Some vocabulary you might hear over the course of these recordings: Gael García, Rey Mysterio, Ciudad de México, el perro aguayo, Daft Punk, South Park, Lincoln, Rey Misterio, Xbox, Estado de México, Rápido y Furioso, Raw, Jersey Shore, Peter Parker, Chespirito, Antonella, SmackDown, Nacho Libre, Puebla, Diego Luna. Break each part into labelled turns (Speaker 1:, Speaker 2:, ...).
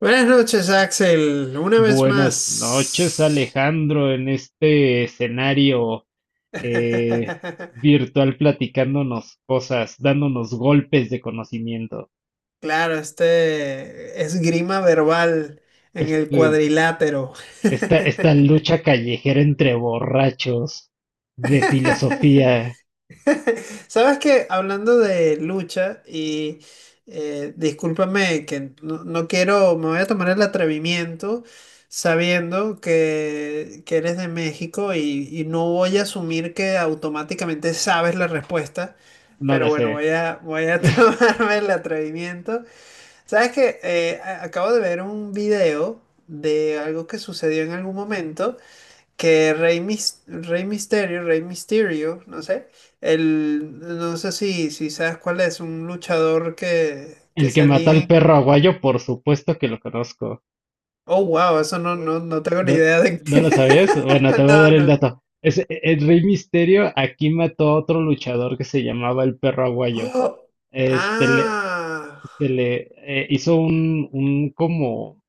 Speaker 1: Buenas noches, Axel. Una vez
Speaker 2: Buenas noches,
Speaker 1: más.
Speaker 2: Alejandro, en este escenario eh, virtual, platicándonos cosas, dándonos golpes de conocimiento.
Speaker 1: Claro, este esgrima verbal en el
Speaker 2: Este,
Speaker 1: cuadrilátero.
Speaker 2: esta lucha callejera entre borrachos de filosofía,
Speaker 1: Sabes que hablando de lucha, y discúlpame que no, no quiero, me voy a tomar el atrevimiento sabiendo que eres de México y no voy a asumir que automáticamente sabes la respuesta.
Speaker 2: no
Speaker 1: Pero
Speaker 2: la
Speaker 1: bueno,
Speaker 2: sé.
Speaker 1: voy a tomarme el atrevimiento. ¿Sabes qué? Acabo de ver un video de algo que sucedió en algún momento que Rey Mysterio, no sé, no sé si, sabes cuál es, un luchador que
Speaker 2: El que mató
Speaker 1: salía
Speaker 2: al
Speaker 1: en...
Speaker 2: Perro Aguayo, por supuesto que lo conozco.
Speaker 1: Oh, wow, eso no, no, no tengo ni
Speaker 2: ¿No,
Speaker 1: idea de
Speaker 2: no
Speaker 1: qué.
Speaker 2: lo sabías? Bueno, te voy a
Speaker 1: No,
Speaker 2: dar el
Speaker 1: no.
Speaker 2: dato. El Rey Misterio aquí mató a otro luchador que se llamaba el Perro Aguayo.
Speaker 1: Oh,
Speaker 2: Este, le,
Speaker 1: ah,
Speaker 2: se le hizo un como,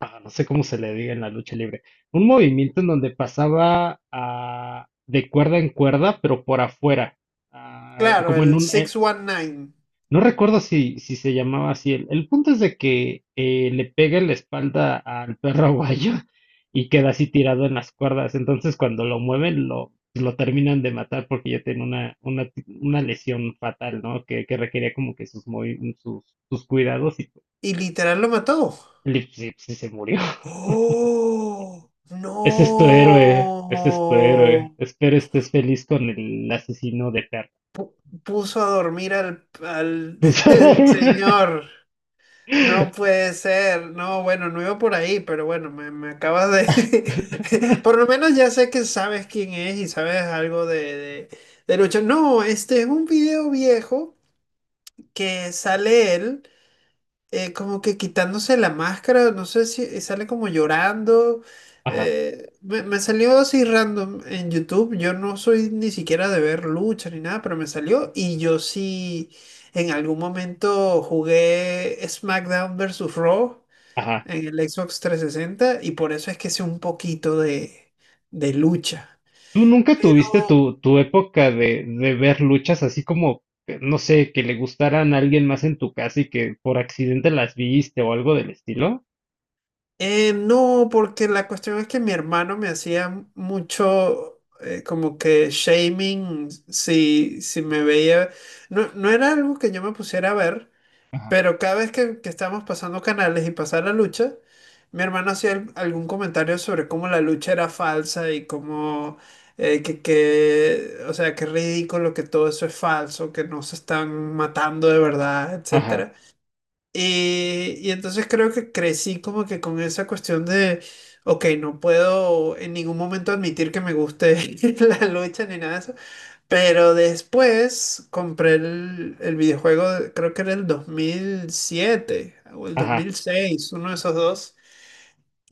Speaker 2: no sé cómo se le diga en la lucha libre, un movimiento en donde pasaba, de cuerda en cuerda, pero por afuera, ah,
Speaker 1: claro,
Speaker 2: como en
Speaker 1: el
Speaker 2: un, eh,
Speaker 1: 619.
Speaker 2: no recuerdo si, se llamaba así. El punto es de que le pega en la espalda al Perro Aguayo y queda así tirado en las cuerdas. Entonces, cuando lo mueven, lo terminan de matar porque ya tiene una lesión fatal, ¿no? Que requería como que sus cuidados y
Speaker 1: Y literal lo mató.
Speaker 2: sí, sí se murió.
Speaker 1: ¡Oh!
Speaker 2: Ese es tu héroe, ese es tu héroe.
Speaker 1: ¡No!
Speaker 2: Espero estés feliz con el asesino de perro.
Speaker 1: Puso a dormir al, al el
Speaker 2: Pues.
Speaker 1: señor. No puede ser. No, bueno, no iba por ahí, pero bueno, me acabas de... Por lo menos ya sé que sabes quién es y sabes algo de, lucha. No, este es un video viejo que sale él. Como que quitándose la máscara, no sé si sale como llorando.
Speaker 2: Ajá,
Speaker 1: Me salió así random en YouTube. Yo no soy ni siquiera de ver lucha ni nada, pero me salió. Y yo sí en algún momento jugué SmackDown versus Raw
Speaker 2: ajá.
Speaker 1: en el Xbox 360 y por eso es que sé un poquito de lucha.
Speaker 2: ¿Tú nunca tuviste tu época de ver luchas así como, no sé, que le gustaran a alguien más en tu casa y que por accidente las viste o algo del estilo?
Speaker 1: No, porque la cuestión es que mi hermano me hacía mucho como que shaming si me veía. No, no era algo que yo me pusiera a ver,
Speaker 2: Ajá.
Speaker 1: pero cada vez que estábamos pasando canales y pasaba la lucha, mi hermano hacía algún comentario sobre cómo la lucha era falsa y cómo o sea, qué ridículo que todo eso es falso, que no se están matando de verdad,
Speaker 2: Ajá,
Speaker 1: etcétera y entonces creo que crecí como que con esa cuestión de, ok, no puedo en ningún momento admitir que me guste la lucha ni nada de eso. Pero después compré el videojuego, creo que era el 2007 o el dos
Speaker 2: ajá,
Speaker 1: mil seis uno de esos dos.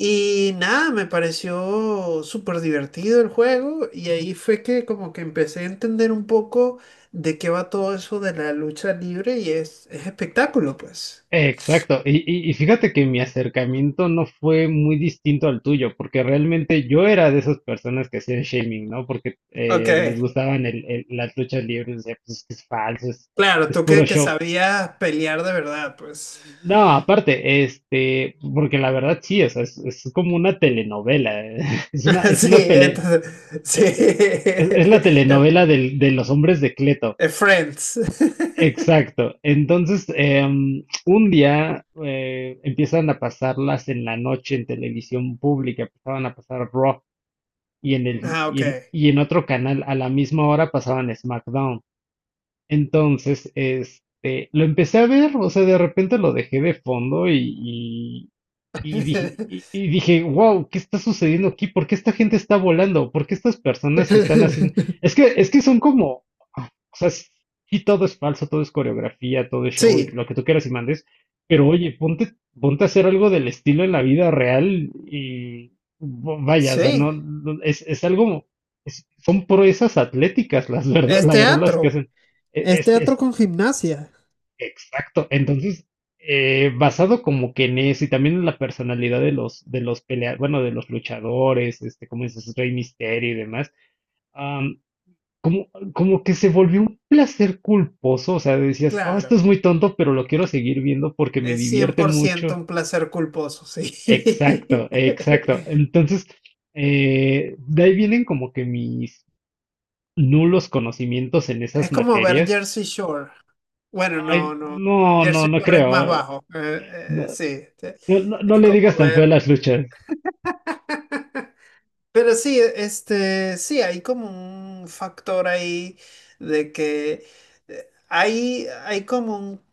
Speaker 1: Y nada, me pareció súper divertido el juego y ahí fue que como que empecé a entender un poco de qué va todo eso de la lucha libre y es espectáculo, pues.
Speaker 2: exacto. Y fíjate que mi acercamiento no fue muy distinto al tuyo, porque realmente yo era de esas personas que hacían shaming, ¿no? Porque
Speaker 1: Ok.
Speaker 2: les gustaban las luchas libres. Decía, pues es que es falso,
Speaker 1: Claro,
Speaker 2: es
Speaker 1: tú
Speaker 2: puro
Speaker 1: que,
Speaker 2: show.
Speaker 1: sabías pelear de verdad, pues.
Speaker 2: No, aparte, porque la verdad sí, o sea, es como una telenovela, es una
Speaker 1: Sí,
Speaker 2: pele,
Speaker 1: entonces,
Speaker 2: eh,
Speaker 1: sí.
Speaker 2: es la
Speaker 1: Eh,
Speaker 2: telenovela de los hombres de Cleto.
Speaker 1: Friends.
Speaker 2: Exacto. Entonces, un día empiezan a pasarlas en la noche en televisión pública, empezaban a pasar Raw, y en el,
Speaker 1: Ah, ok.
Speaker 2: y en otro canal a la misma hora pasaban SmackDown. Entonces, lo empecé a ver, o sea, de repente lo dejé de fondo. Y dije, wow, ¿qué está sucediendo aquí? ¿Por qué esta gente está volando? ¿Por qué estas personas están haciendo? Es que son como, o sea, sí, sí, todo es falso, todo es coreografía, todo es show, y
Speaker 1: Sí,
Speaker 2: lo que tú quieras y mandes, pero oye, ponte a hacer algo del estilo en la vida real y, vaya, o sea, no,
Speaker 1: sí.
Speaker 2: es algo, son proezas atléticas,
Speaker 1: Es
Speaker 2: la verdad las que
Speaker 1: teatro.
Speaker 2: hacen. e,
Speaker 1: Es
Speaker 2: este,
Speaker 1: teatro con gimnasia.
Speaker 2: Exacto. Entonces, basado como que en eso y también en la personalidad de los luchadores, como dices, Rey Misterio y demás, am, como, como que se volvió un placer culposo. O sea, decías, oh, esto
Speaker 1: Claro,
Speaker 2: es muy tonto, pero lo quiero seguir viendo porque me
Speaker 1: es cien
Speaker 2: divierte
Speaker 1: por ciento
Speaker 2: mucho.
Speaker 1: un placer culposo,
Speaker 2: Exacto,
Speaker 1: sí.
Speaker 2: exacto. Entonces, de ahí vienen como que mis nulos conocimientos en
Speaker 1: Es
Speaker 2: esas
Speaker 1: como ver
Speaker 2: materias.
Speaker 1: Jersey Shore. Bueno,
Speaker 2: Ay,
Speaker 1: no, no.
Speaker 2: no, no,
Speaker 1: Jersey
Speaker 2: no
Speaker 1: Shore es más
Speaker 2: creo.
Speaker 1: bajo.
Speaker 2: No,
Speaker 1: Sí, sí.
Speaker 2: no, no, no
Speaker 1: es
Speaker 2: le
Speaker 1: como
Speaker 2: digas tan feo a
Speaker 1: ver
Speaker 2: las luchas.
Speaker 1: Pero sí, este, sí, hay como un factor ahí de que hay como un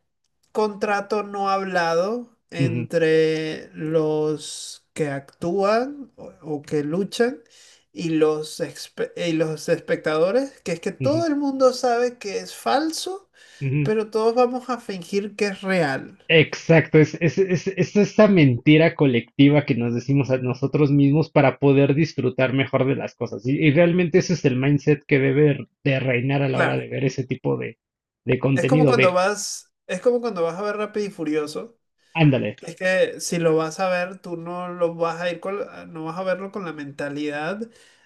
Speaker 1: contrato no hablado
Speaker 2: Ujú,
Speaker 1: entre los que actúan o que luchan y y los espectadores, que es que
Speaker 2: ujú,
Speaker 1: todo el mundo sabe que es falso,
Speaker 2: ujú.
Speaker 1: pero todos vamos a fingir que es real.
Speaker 2: Exacto, es esta mentira colectiva que nos decimos a nosotros mismos para poder disfrutar mejor de las cosas. Y realmente ese es el mindset que debe de reinar a la hora
Speaker 1: Claro,
Speaker 2: de ver ese tipo de
Speaker 1: es como
Speaker 2: contenido,
Speaker 1: cuando
Speaker 2: de
Speaker 1: vas, es como cuando vas a ver Rápido y Furioso.
Speaker 2: ándale,
Speaker 1: Es que si lo vas a ver, tú no lo vas a ir con, ah, no vas a verlo con la mentalidad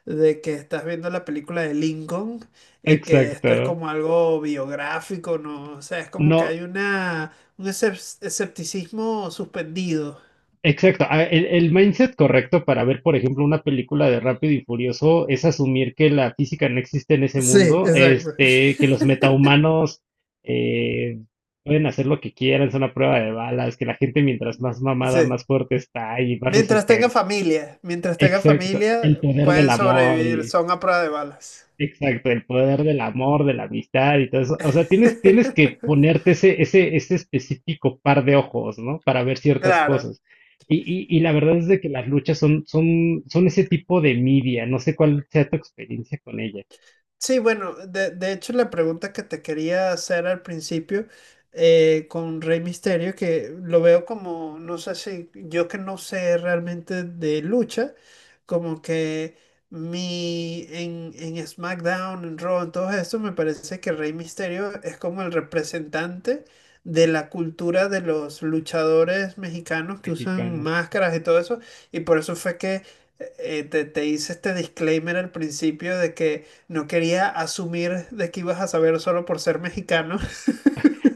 Speaker 1: de que estás viendo la película de Lincoln y que esto es
Speaker 2: exacto.
Speaker 1: como algo biográfico, ¿no? O sea, es como que
Speaker 2: No,
Speaker 1: hay una, un escepticismo suspendido.
Speaker 2: exacto. El mindset correcto para ver, por ejemplo, una película de Rápido y Furioso es asumir que la física no existe en ese
Speaker 1: Sí,
Speaker 2: mundo,
Speaker 1: exacto.
Speaker 2: que los metahumanos eh, pueden hacer lo que quieran, son a prueba de balas, que la gente, mientras más mamada,
Speaker 1: Sí.
Speaker 2: más fuerte está y más resistente.
Speaker 1: Mientras tenga
Speaker 2: Exacto.
Speaker 1: familia,
Speaker 2: El poder del
Speaker 1: pueden
Speaker 2: amor
Speaker 1: sobrevivir,
Speaker 2: y.
Speaker 1: son a prueba de balas.
Speaker 2: Exacto, el poder del amor, de la amistad y todo eso. O sea, tienes que ponerte ese específico par de ojos, ¿no? Para ver ciertas
Speaker 1: Claro.
Speaker 2: cosas. Y, y la verdad es de que las luchas son ese tipo de media. No sé cuál sea tu experiencia con ellas.
Speaker 1: Sí, bueno, de hecho la pregunta que te quería hacer al principio con Rey Misterio, que lo veo como, no sé si yo que no sé realmente de lucha, como que mi en SmackDown, en Raw, en todo esto, me parece que Rey Misterio es como el representante de la cultura de los luchadores mexicanos que usan
Speaker 2: Mexicanas.
Speaker 1: máscaras y todo eso, y por eso fue que te hice este disclaimer al principio de que no quería asumir de que ibas a saber solo por ser mexicano,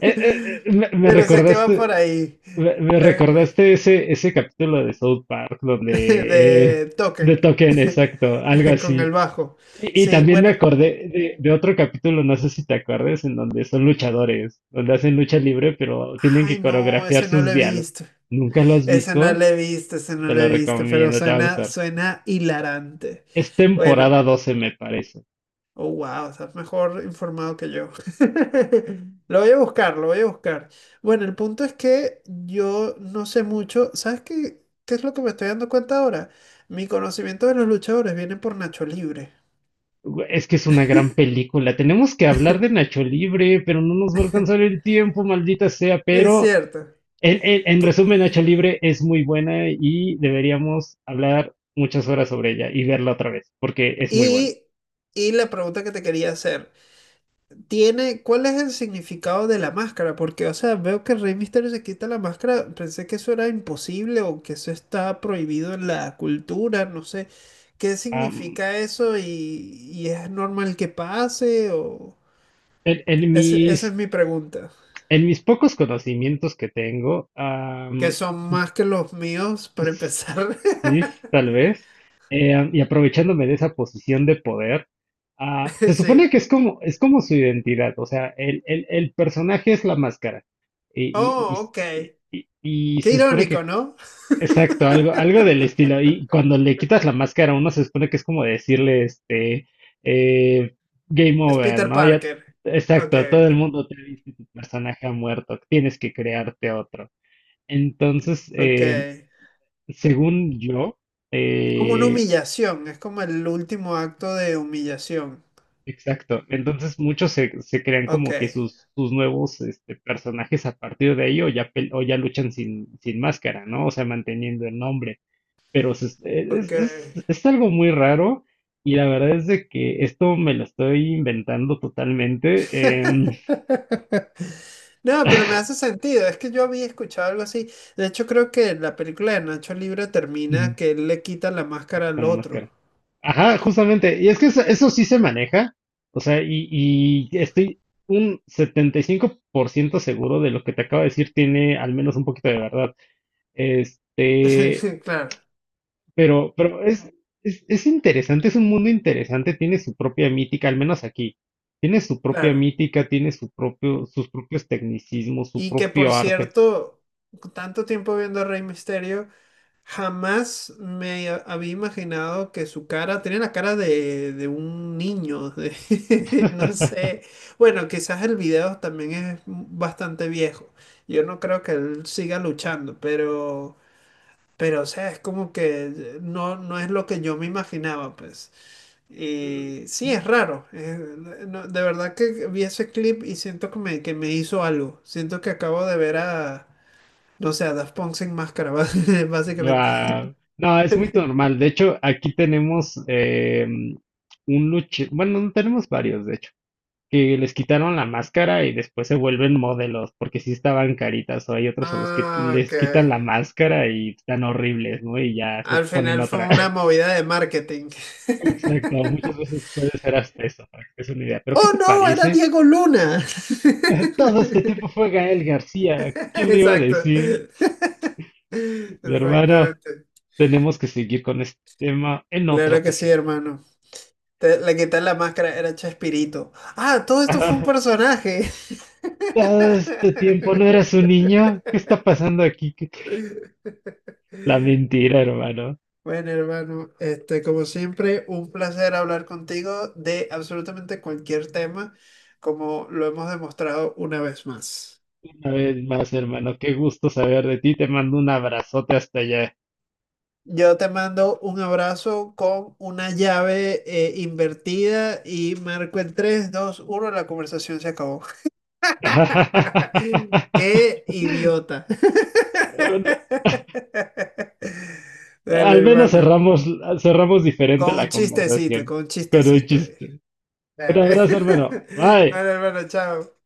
Speaker 2: Eh, eh, eh, me, me
Speaker 1: pero sé que va
Speaker 2: recordaste,
Speaker 1: por ahí,
Speaker 2: me, me
Speaker 1: eh,
Speaker 2: recordaste ese, capítulo de South Park donde,
Speaker 1: de
Speaker 2: de
Speaker 1: Token,
Speaker 2: Token, exacto, algo
Speaker 1: con el
Speaker 2: así.
Speaker 1: bajo.
Speaker 2: Y
Speaker 1: Sí,
Speaker 2: también me
Speaker 1: bueno,
Speaker 2: acordé de otro capítulo, no sé si te acuerdas, en donde son luchadores, donde hacen lucha libre, pero tienen
Speaker 1: ay
Speaker 2: que
Speaker 1: no,
Speaker 2: coreografiar
Speaker 1: ese no
Speaker 2: sus
Speaker 1: lo he
Speaker 2: diálogos.
Speaker 1: visto,
Speaker 2: ¿Nunca lo has
Speaker 1: ese no
Speaker 2: visto?
Speaker 1: lo he visto, ese no
Speaker 2: Te
Speaker 1: lo he
Speaker 2: lo
Speaker 1: visto, pero
Speaker 2: recomiendo, te va a
Speaker 1: suena,
Speaker 2: gustar.
Speaker 1: suena hilarante.
Speaker 2: Es
Speaker 1: Bueno,
Speaker 2: temporada 12, me parece.
Speaker 1: oh, wow, estás mejor informado que yo. Lo voy a buscar, lo voy a buscar. Bueno, el punto es que yo no sé mucho. ¿Sabes qué es lo que me estoy dando cuenta ahora? Mi conocimiento de los luchadores viene por Nacho Libre.
Speaker 2: Es que es una gran película. Tenemos que hablar de Nacho Libre, pero no nos va a alcanzar el tiempo, maldita sea.
Speaker 1: Es
Speaker 2: Pero
Speaker 1: cierto.
Speaker 2: en, en
Speaker 1: T-
Speaker 2: resumen, Nacho Libre es muy buena y deberíamos hablar muchas horas sobre ella y verla otra vez, porque es muy buena.
Speaker 1: Y, y la pregunta que te quería hacer. ¿Cuál es el significado de la máscara? Porque, o sea, veo que Rey Misterio se quita la máscara, pensé que eso era imposible o que eso está prohibido en la cultura, no sé. ¿Qué significa eso y es normal que pase? O...
Speaker 2: En, en
Speaker 1: Ese-
Speaker 2: mis,
Speaker 1: esa es mi pregunta,
Speaker 2: en mis pocos conocimientos que tengo,
Speaker 1: que son más que los míos para empezar.
Speaker 2: sí, tal vez, y aprovechándome de esa posición de poder, se supone
Speaker 1: Sí.
Speaker 2: que es como, su identidad, o sea, el personaje es la máscara, y, y,
Speaker 1: Oh, ok.
Speaker 2: y
Speaker 1: Qué
Speaker 2: se supone que.
Speaker 1: irónico, ¿no?
Speaker 2: Exacto, algo del estilo. Y cuando le quitas la máscara, uno, se supone que es como decirle, eh, game
Speaker 1: Es
Speaker 2: over,
Speaker 1: Peter
Speaker 2: ¿no? Ya,
Speaker 1: Parker. Ok,
Speaker 2: exacto, todo el mundo te ha visto y tu personaje ha muerto, tienes que crearte otro. Entonces,
Speaker 1: ok.
Speaker 2: según yo,
Speaker 1: Como una
Speaker 2: eh,
Speaker 1: humillación, es como el último acto de humillación.
Speaker 2: exacto, entonces muchos, se crean
Speaker 1: Ok,
Speaker 2: como que sus nuevos, personajes a partir de ahí, o ya, o ya luchan sin máscara, ¿no? O sea, manteniendo el nombre. Pero se
Speaker 1: ok.
Speaker 2: es algo muy raro, y la verdad es de que esto me lo estoy inventando totalmente,
Speaker 1: No, pero me hace sentido, es que yo había escuchado algo así. De hecho, creo que la película de Nacho Libre termina
Speaker 2: ¿De
Speaker 1: que él le quita la
Speaker 2: qué
Speaker 1: máscara al
Speaker 2: quitan la
Speaker 1: otro.
Speaker 2: máscara? Ajá, justamente, y es que eso sí se maneja, o sea, y estoy un 75% seguro de lo que te acabo de decir tiene al menos un poquito de verdad. Este,
Speaker 1: Claro,
Speaker 2: Pero, pero es, es interesante, es un mundo interesante, tiene su propia mítica, al menos aquí. Tiene su propia
Speaker 1: claro.
Speaker 2: mítica, tiene su propio, sus propios tecnicismos, su
Speaker 1: Y que por
Speaker 2: propio arte.
Speaker 1: cierto, tanto tiempo viendo a Rey Misterio. Jamás me había imaginado que su cara tenía la cara de, un niño, no sé. Bueno, quizás el video también es bastante viejo. Yo no creo que él siga luchando, pero o sea, es como que no, no es lo que yo me imaginaba, pues. Y sí, es raro. No, de verdad que vi ese clip y siento que me hizo algo. Siento que acabo de ver a, no sé, a Daft Punk sin máscara, básicamente.
Speaker 2: Guau. No, es muy normal. De hecho, aquí tenemos bueno, no tenemos varios, de hecho, que les quitaron la máscara y después se vuelven modelos, porque sí estaban caritas, o hay otros a los que
Speaker 1: Ah, ok.
Speaker 2: les quitan la máscara y están horribles, ¿no? Y ya se
Speaker 1: Al
Speaker 2: ponen
Speaker 1: final fue
Speaker 2: otra.
Speaker 1: una movida de marketing.
Speaker 2: Exacto, muchas veces puede ser hasta eso. Para que es una idea, pero ¿qué
Speaker 1: ¡Oh,
Speaker 2: te
Speaker 1: no! Era
Speaker 2: parece?
Speaker 1: Diego Luna.
Speaker 2: Todo este tiempo fue Gael García. ¿Quién le iba a
Speaker 1: Exacto.
Speaker 2: decir? Mi hermano,
Speaker 1: Exactamente.
Speaker 2: tenemos que seguir con este tema en otra
Speaker 1: Claro que sí,
Speaker 2: ocasión.
Speaker 1: hermano. Le quitas la máscara, era Chespirito. Ah, todo esto fue un personaje.
Speaker 2: Todo este tiempo no eras un niño. ¿Qué está pasando aquí? La mentira, hermano.
Speaker 1: Bueno, hermano, este, como siempre, un placer hablar contigo de absolutamente cualquier tema, como lo hemos demostrado una vez más.
Speaker 2: Una vez más, hermano, qué gusto saber de ti. Te mando un abrazote hasta allá.
Speaker 1: Yo te mando un abrazo con una llave invertida y marco el 3, 2, 1 la conversación se acabó. ¡Qué idiota! Dale,
Speaker 2: Al menos
Speaker 1: hermano.
Speaker 2: cerramos, diferente
Speaker 1: Con un
Speaker 2: la
Speaker 1: chistecito,
Speaker 2: conversación
Speaker 1: con un
Speaker 2: con un
Speaker 1: chistecito.
Speaker 2: chiste. Un
Speaker 1: Dale.
Speaker 2: abrazo, hermano. Bye.
Speaker 1: Dale, hermano, chao.